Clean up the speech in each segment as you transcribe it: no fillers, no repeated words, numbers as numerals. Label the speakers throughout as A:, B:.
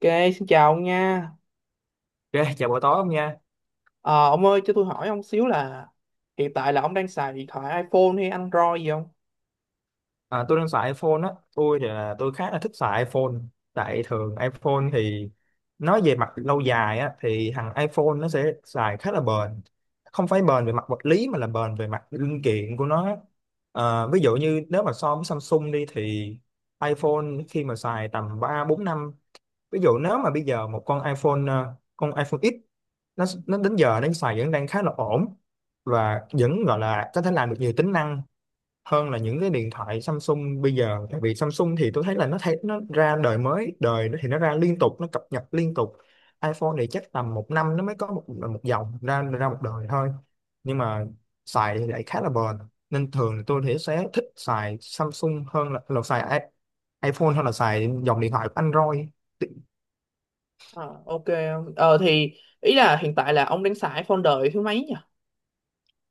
A: Ok, xin chào ông nha.
B: Ok, chào buổi tối ông nha.
A: Ờ, ông ơi, cho tôi hỏi ông xíu là hiện tại là ông đang xài điện thoại iPhone hay Android gì không?
B: À, tôi đang xài iPhone á. Tôi thì là tôi khá là thích xài iPhone. Tại thường iPhone thì nói về mặt lâu dài á thì thằng iPhone nó sẽ xài khá là bền. Không phải bền về mặt vật lý mà là bền về mặt linh kiện của nó á. À, ví dụ như nếu mà so với Samsung đi thì iPhone khi mà xài tầm 3 4 năm, ví dụ nếu mà bây giờ một con iPhone con iPhone X nó đến giờ nó xài vẫn đang khá là ổn và vẫn gọi là có thể làm được nhiều tính năng hơn là những cái điện thoại Samsung bây giờ, tại vì Samsung thì tôi thấy là nó ra đời mới đời, nó thì nó ra liên tục, nó cập nhật liên tục. iPhone thì chắc tầm 1 năm nó mới có một một dòng ra ra một đời thôi, nhưng mà xài thì lại khá là bền nên thường thì tôi thì sẽ thích xài Samsung hơn là iPhone hơn là xài dòng điện thoại của Android.
A: Ờ, ok. Thì ý là hiện tại là ông đang xài iPhone đời thứ mấy nhỉ?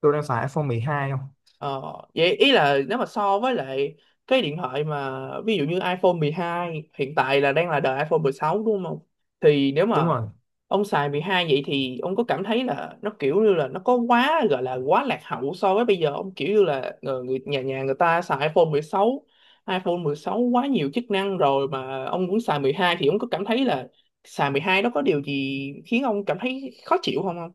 B: Tôi đang xài iPhone 12 không.
A: Ờ, vậy ý là nếu mà so với lại cái điện thoại mà ví dụ như iPhone 12 hiện tại là đang là đời iPhone 16 đúng không? Thì nếu
B: Đúng
A: mà
B: rồi.
A: ông xài 12 vậy thì ông có cảm thấy là nó kiểu như là nó có quá gọi là quá lạc hậu so với bây giờ ông kiểu như là người nhà nhà người ta xài iPhone 16, iPhone 16 quá nhiều chức năng rồi mà ông cũng xài 12 thì ông có cảm thấy là xài 12 nó có điều gì khiến ông cảm thấy khó chịu không không?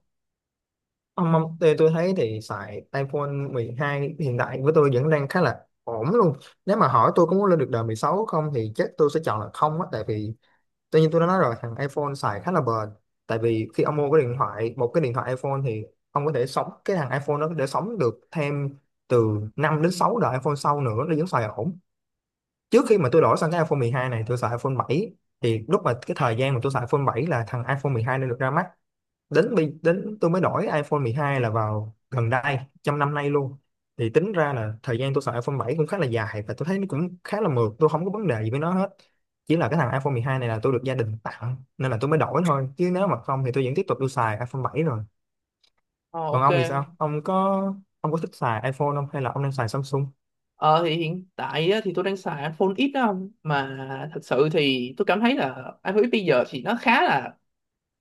B: Ông, tôi thấy thì xài iPhone 12 hiện tại với tôi vẫn đang khá là ổn luôn. Nếu mà hỏi tôi có muốn lên được đời 16 không thì chắc tôi sẽ chọn là không á, tại vì tự nhiên tôi đã nói rồi, thằng iPhone xài khá là bền. Tại vì khi ông mua cái điện thoại, một cái điện thoại iPhone thì ông có thể sống cái thằng iPhone nó có thể sống được thêm từ 5 đến 6 đời iPhone sau nữa, nó vẫn xài ổn. Trước khi mà tôi đổi sang cái iPhone 12 này tôi xài iPhone 7, thì lúc mà cái thời gian mà tôi xài iPhone 7 là thằng iPhone 12 nên được ra mắt. Đến tôi mới đổi iPhone 12 là vào gần đây trong năm nay luôn. Thì tính ra là thời gian tôi xài iPhone 7 cũng khá là dài và tôi thấy nó cũng khá là mượt, tôi không có vấn đề gì với nó hết. Chỉ là cái thằng iPhone 12 này là tôi được gia đình tặng nên là tôi mới đổi thôi, chứ nếu mà không thì tôi vẫn tiếp tục tôi xài iPhone 7 rồi.
A: Ờ
B: Còn
A: ok.
B: ông thì sao, ông có thích xài iPhone không hay là ông đang xài Samsung?
A: Ờ thì hiện tại á, thì tôi đang xài iPhone X á ông, mà thật sự thì tôi cảm thấy là iPhone X bây giờ thì nó khá là,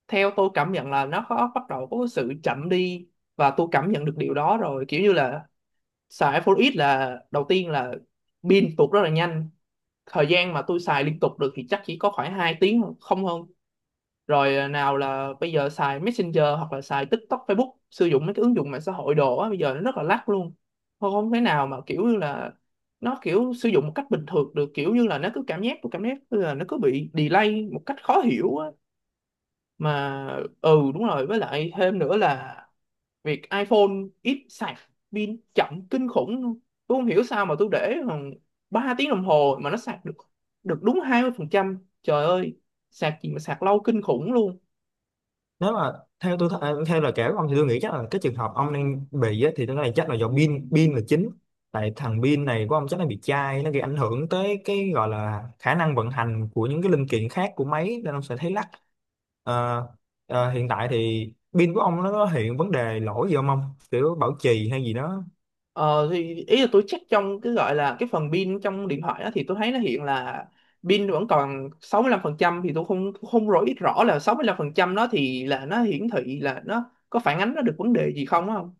A: theo tôi cảm nhận là nó có bắt đầu có sự chậm đi và tôi cảm nhận được điều đó rồi. Kiểu như là xài iPhone X là đầu tiên là pin tụt rất là nhanh, thời gian mà tôi xài liên tục được thì chắc chỉ có khoảng 2 tiếng thôi, không hơn. Rồi à, nào là bây giờ xài Messenger hoặc là xài TikTok, Facebook, sử dụng mấy cái ứng dụng mạng xã hội đồ á, bây giờ nó rất là lắc luôn, không không thể nào mà kiểu như là nó kiểu sử dụng một cách bình thường được. Kiểu như là nó cứ cảm giác, tôi cảm giác là nó cứ bị delay một cách khó hiểu á. Mà ừ đúng rồi, với lại thêm nữa là việc iPhone ít sạc, pin chậm kinh khủng luôn. Tôi không hiểu sao mà tôi để khoảng 3 tiếng đồng hồ mà nó sạc được được đúng 20%, trời ơi, sạc gì mà sạc lâu kinh khủng luôn.
B: Nếu mà theo tôi th- à, theo lời kể của ông thì tôi nghĩ chắc là cái trường hợp ông đang bị á, thì tôi nghĩ chắc là do pin pin là chính. Tại thằng pin này của ông chắc là bị chai, nó gây ảnh hưởng tới cái gọi là khả năng vận hành của những cái linh kiện khác của máy nên ông sẽ thấy lắc. Ờ, hiện tại thì pin của ông nó có hiện vấn đề lỗi gì không ông? Kiểu bảo trì hay gì đó?
A: Ờ thì ý là tôi check trong cái gọi là cái phần pin trong điện thoại đó thì tôi thấy nó hiện là pin vẫn còn 65%, thì tôi không không rõ biết rõ là 65% đó thì là nó hiển thị là nó có phản ánh nó được vấn đề gì không á, không?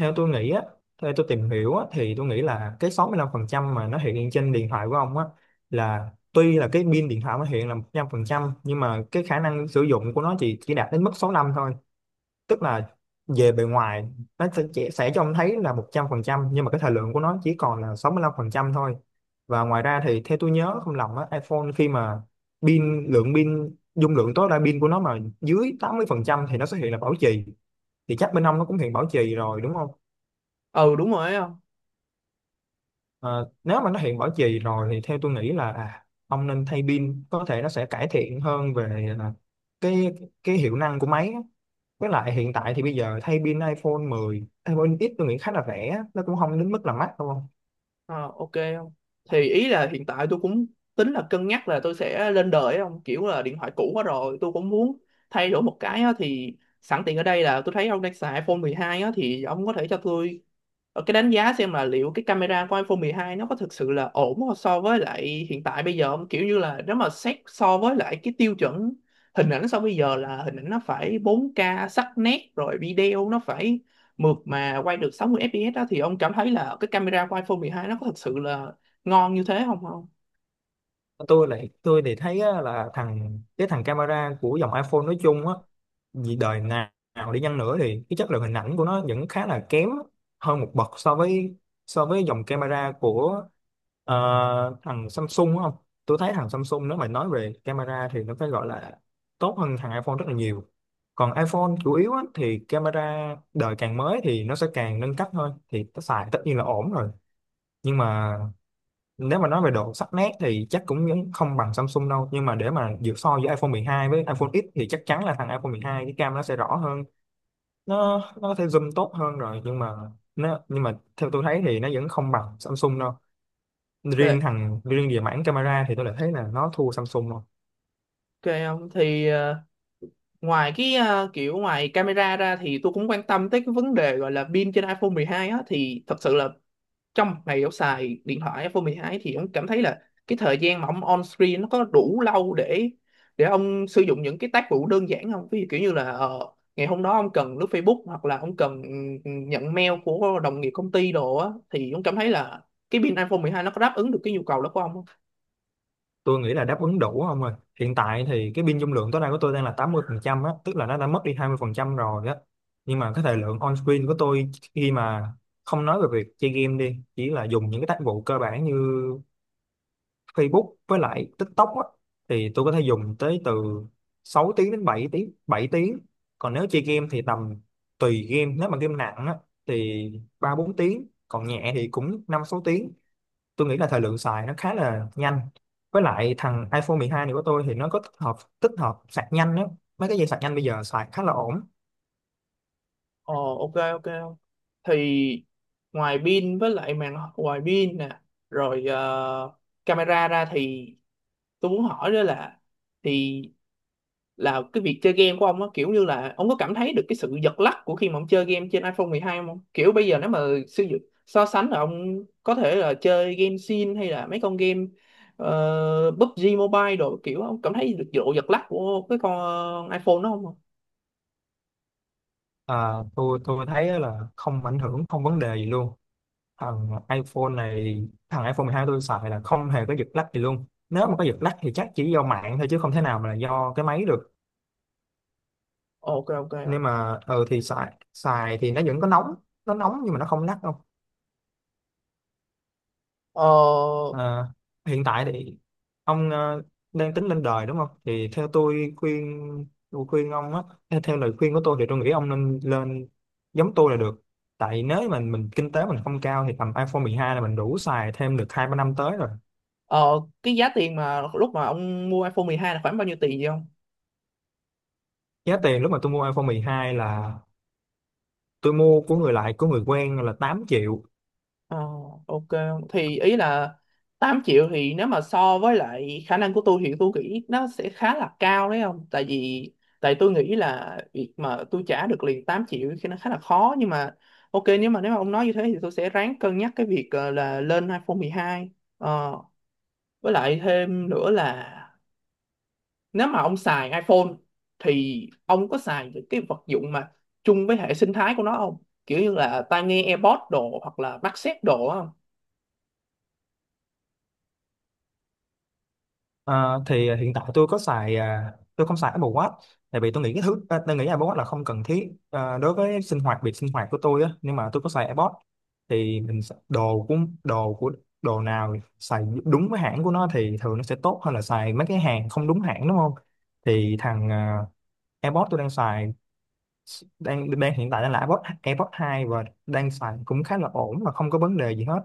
B: Theo tôi nghĩ á, theo tôi tìm hiểu á thì tôi nghĩ là cái 65% mà nó hiện trên điện thoại của ông á, là tuy là cái pin điện thoại nó hiện là 100% nhưng mà cái khả năng sử dụng của nó chỉ đạt đến mức 65 thôi. Tức là về bề ngoài nó sẽ cho ông thấy là 100% nhưng mà cái thời lượng của nó chỉ còn là 65% thôi. Và ngoài ra thì theo tôi nhớ không lầm á, iPhone khi mà pin lượng pin dung lượng tối đa pin của nó mà dưới 80% thì nó sẽ hiện là bảo trì. Thì chắc bên ông nó cũng hiện bảo trì rồi, đúng không?
A: Ừ đúng rồi ấy, không?
B: Ờ, nếu mà nó hiện bảo trì rồi thì theo tôi nghĩ là à, ông nên thay pin, có thể nó sẽ cải thiện hơn về à, cái cái hiệu năng của máy á. Với lại hiện tại thì bây giờ thay pin iPhone 10, iPhone X tôi nghĩ khá là rẻ á, nó cũng không đến mức là mắc đúng không?
A: Ờ ok, không? Thì ý là hiện tại tôi cũng tính là cân nhắc là tôi sẽ lên đời ấy, không? Kiểu là điện thoại cũ quá rồi tôi cũng muốn thay đổi một cái á, thì sẵn tiện ở đây là tôi thấy ông đang xài iPhone 12 á thì ông có thể cho tôi cái đánh giá xem là liệu cái camera của iPhone 12 nó có thực sự là ổn không so với lại hiện tại bây giờ không? Kiểu như là nếu mà xét so với lại cái tiêu chuẩn hình ảnh so bây giờ là hình ảnh nó phải 4K sắc nét, rồi video nó phải mượt mà, quay được 60 fps đó, thì ông cảm thấy là cái camera của iPhone 12 nó có thực sự là ngon như thế không không?
B: Tôi thì thấy á, là cái thằng camera của dòng iPhone nói chung á, vì đời nào nào đi chăng nữa thì cái chất lượng hình ảnh của nó vẫn khá là kém hơn một bậc so với dòng camera của, ờ, thằng Samsung, đúng không? Tôi thấy thằng Samsung nếu mà nói về camera thì nó phải gọi là tốt hơn thằng iPhone rất là nhiều. Còn iPhone chủ yếu á, thì camera đời càng mới thì nó sẽ càng nâng cấp thôi. Thì nó xài tất nhiên là ổn rồi. Nhưng mà nếu mà nói về độ sắc nét thì chắc cũng vẫn không bằng Samsung đâu. Nhưng mà để mà giữa iPhone 12 với iPhone X thì chắc chắn là thằng iPhone mười hai cái cam nó sẽ rõ hơn. Nó có thể zoom tốt hơn rồi nhưng mà nhưng mà theo tôi thấy thì nó vẫn không bằng Samsung đâu.
A: Ok,
B: Riêng về mảng camera thì tôi lại thấy là nó thua Samsung rồi.
A: ok, không? Thì ngoài cái kiểu ngoài camera ra thì tôi cũng quan tâm tới cái vấn đề gọi là pin trên iPhone 12 á, thì thật sự là trong ngày Dẫu xài điện thoại iPhone 12 thì ông cảm thấy là cái thời gian mà ông on screen nó có đủ lâu để ông sử dụng những cái tác vụ đơn giản không? Ví dụ kiểu như là ngày hôm đó ông cần lướt Facebook hoặc là ông cần nhận mail của đồng nghiệp công ty đồ á, thì ông cảm thấy là cái pin iPhone 12 nó có đáp ứng được cái nhu cầu đó của ông không?
B: Tôi nghĩ là đáp ứng đủ không rồi. Hiện tại thì cái pin dung lượng tối đa của tôi đang là 80% á, tức là nó đã mất đi 20% rồi á. Nhưng mà cái thời lượng on screen của tôi khi mà không nói về việc chơi game đi, chỉ là dùng những cái tác vụ cơ bản như Facebook với lại TikTok á, thì tôi có thể dùng tới từ 6 tiếng đến bảy tiếng. Còn nếu chơi game thì tầm tùy game, nếu mà game nặng á thì 3 4 tiếng, còn nhẹ thì cũng 5 6 tiếng. Tôi nghĩ là thời lượng xài nó khá là nhanh. Với lại thằng iPhone 12 này của tôi thì nó có tích hợp sạc nhanh đó, mấy cái dây sạc nhanh bây giờ xài khá là ổn.
A: Ờ ok ok. Thì ngoài pin với lại màn, ngoài pin nè, rồi camera ra thì tôi muốn hỏi đó là, thì là cái việc chơi game của ông á, kiểu như là ông có cảm thấy được cái sự giật lắc của khi mà ông chơi game trên iPhone 12 không? Kiểu bây giờ nếu mà sử dụng so sánh là ông có thể là chơi game Sin hay là mấy con game PUBG Mobile đồ, kiểu ông cảm thấy được độ giật lắc của cái con iPhone đó không?
B: À, tôi thấy là không ảnh hưởng, không vấn đề gì luôn. Thằng iPhone này, thằng iPhone 12 tôi xài là không hề có giật lag gì luôn. Nếu mà có giật lag thì chắc chỉ do mạng thôi chứ không thể nào mà là do cái máy được.
A: Ok ok.
B: Nhưng mà ờ thì xài xài thì nó vẫn có nóng, nó nóng nhưng mà nó không lắc đâu.
A: Ờ,
B: Ờ, hiện tại thì ông đang tính lên đời đúng không? Thì theo tôi khuyên, tôi khuyên ông á, theo, theo lời khuyên của tôi thì tôi nghĩ ông nên lên giống tôi là được. Tại nếu mà mình kinh tế mình không cao thì tầm iPhone 12 là mình đủ xài thêm được 2 3 năm tới rồi.
A: ờ, cái giá tiền mà lúc mà ông mua iPhone 12 là khoảng bao nhiêu tiền vậy, không?
B: Giá tiền lúc mà tôi mua iPhone 12 là tôi mua của người quen là 8 triệu.
A: Ờ, ok, thì ý là 8 triệu thì nếu mà so với lại khả năng của tôi thì tôi nghĩ nó sẽ khá là cao đấy, không? Tại vì tôi nghĩ là việc mà tôi trả được liền 8 triệu thì nó khá là khó, nhưng mà ok, nếu mà ông nói như thế thì tôi sẽ ráng cân nhắc cái việc là lên iPhone 12. Ờ, với lại thêm nữa là nếu mà ông xài iPhone thì ông có xài những cái vật dụng mà chung với hệ sinh thái của nó không, kiểu như là tai nghe AirPods đồ hoặc là mắt xếp đồ á,
B: Ờ, thì ờ, hiện tại tôi có xài à, tôi không xài Apple Watch, tại vì tôi nghĩ cái thứ à, tôi nghĩ Apple Watch là không cần thiết à, đối với sinh hoạt việc sinh hoạt của tôi á, nhưng mà tôi có xài AirPods. Thì đồ của đồ nào xài đúng với hãng của nó thì thường nó sẽ tốt hơn là xài mấy cái hàng không đúng hãng, đúng không? Thì thằng uh, AirPods tôi đang xài đang đang hiện tại đang là AirPods AirPods 2, và đang xài cũng khá là ổn và không có vấn đề gì hết.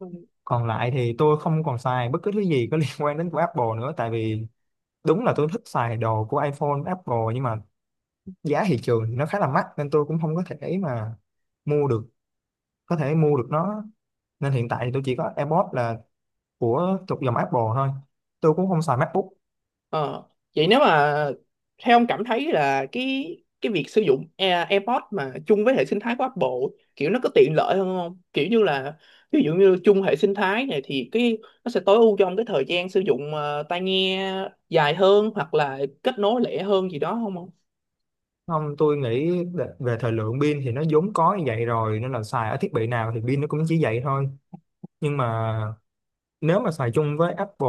A: không?
B: Còn lại thì tôi không còn xài bất cứ thứ gì có liên quan đến của Apple nữa, tại vì đúng là tôi thích xài đồ của iPhone, Apple, nhưng mà giá thị trường thì nó khá là mắc nên tôi cũng không có thể mà mua được có thể mua được nó. Nên hiện tại thì tôi chỉ có AirPods là của thuộc dòng Apple thôi, tôi cũng không xài MacBook.
A: Ờ, vậy nếu mà theo ông cảm thấy là cái việc sử dụng AirPods mà chung với hệ sinh thái của Apple kiểu nó có tiện lợi hơn không? Kiểu như là ví dụ như chung hệ sinh thái này thì cái nó sẽ tối ưu cho ông cái thời gian sử dụng tai nghe dài hơn hoặc là kết nối lẻ hơn gì đó không?
B: Không, tôi nghĩ về về thời lượng pin thì nó vốn có như vậy rồi nên là xài ở thiết bị nào thì pin nó cũng chỉ vậy thôi. Nhưng mà nếu mà xài chung với Apple,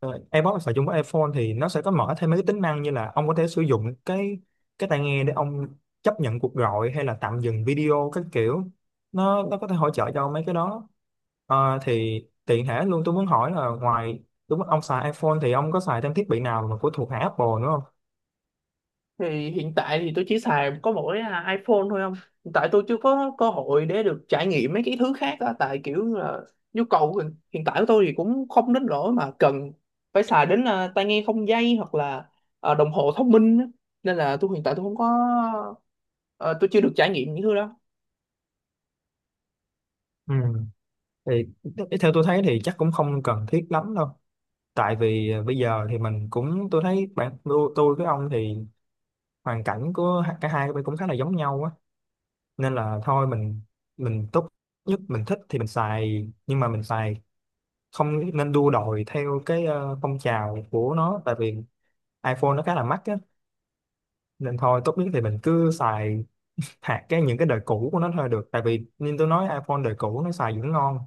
B: ờ, AirPods xài chung với iPhone thì nó sẽ có mở thêm mấy cái tính năng, như là ông có thể sử dụng cái tai nghe để ông chấp nhận cuộc gọi hay là tạm dừng video các kiểu. Nó có thể hỗ trợ cho mấy cái đó. Ờ, thì tiện thể luôn tôi muốn hỏi là, ngoài đúng ông xài iPhone thì ông có xài thêm thiết bị nào mà của thuộc hãng Apple nữa không?
A: Thì hiện tại thì tôi chỉ xài có mỗi iPhone thôi, không? Hiện tại tôi chưa có cơ hội để được trải nghiệm mấy cái thứ khác á, tại kiểu là nhu cầu hiện hiện tại của tôi thì cũng không đến nỗi mà cần phải xài đến tai nghe không dây hoặc là đồng hồ thông minh á. Nên là tôi hiện tại tôi không có, ờ, tôi chưa được trải nghiệm những thứ đó.
B: Ừ. Thì theo tôi thấy thì chắc cũng không cần thiết lắm đâu. Tại vì à, bây giờ thì mình cũng, tôi thấy bạn tôi với ông thì hoàn cảnh của cả hai bên cũng khá là giống nhau á. Nên là thôi mình tốt nhất mình thích thì mình xài, nhưng mà mình xài không nên đua đòi theo cái ờ, phong trào của nó, tại vì iPhone nó khá là mắc á. Nên thôi tốt nhất thì mình cứ xài hạt cái những cái đời cũ của nó thôi được, tại vì như tôi nói iPhone đời cũ nó xài vẫn ngon.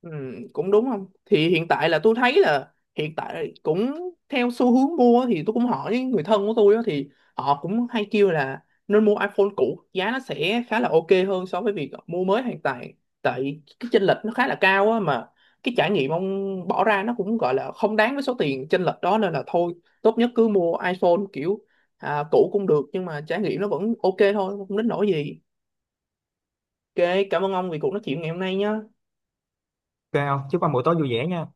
A: Ừ, cũng đúng, không? Thì hiện tại là tôi thấy là hiện tại cũng theo xu hướng mua thì tôi cũng hỏi những người thân của tôi á, thì họ cũng hay kêu là nên mua iPhone cũ, giá nó sẽ khá là ok hơn so với việc mua mới hiện tại, tại cái chênh lệch nó khá là cao á mà cái trải nghiệm ông bỏ ra nó cũng gọi là không đáng với số tiền chênh lệch đó, nên là thôi, tốt nhất cứ mua iPhone kiểu cũ cũng được nhưng mà trải nghiệm nó vẫn ok thôi, không đến nỗi gì. Ok, cảm ơn ông vì cuộc nói chuyện ngày hôm nay nhé.
B: Ok không, chúc anh buổi tối vui vẻ nha.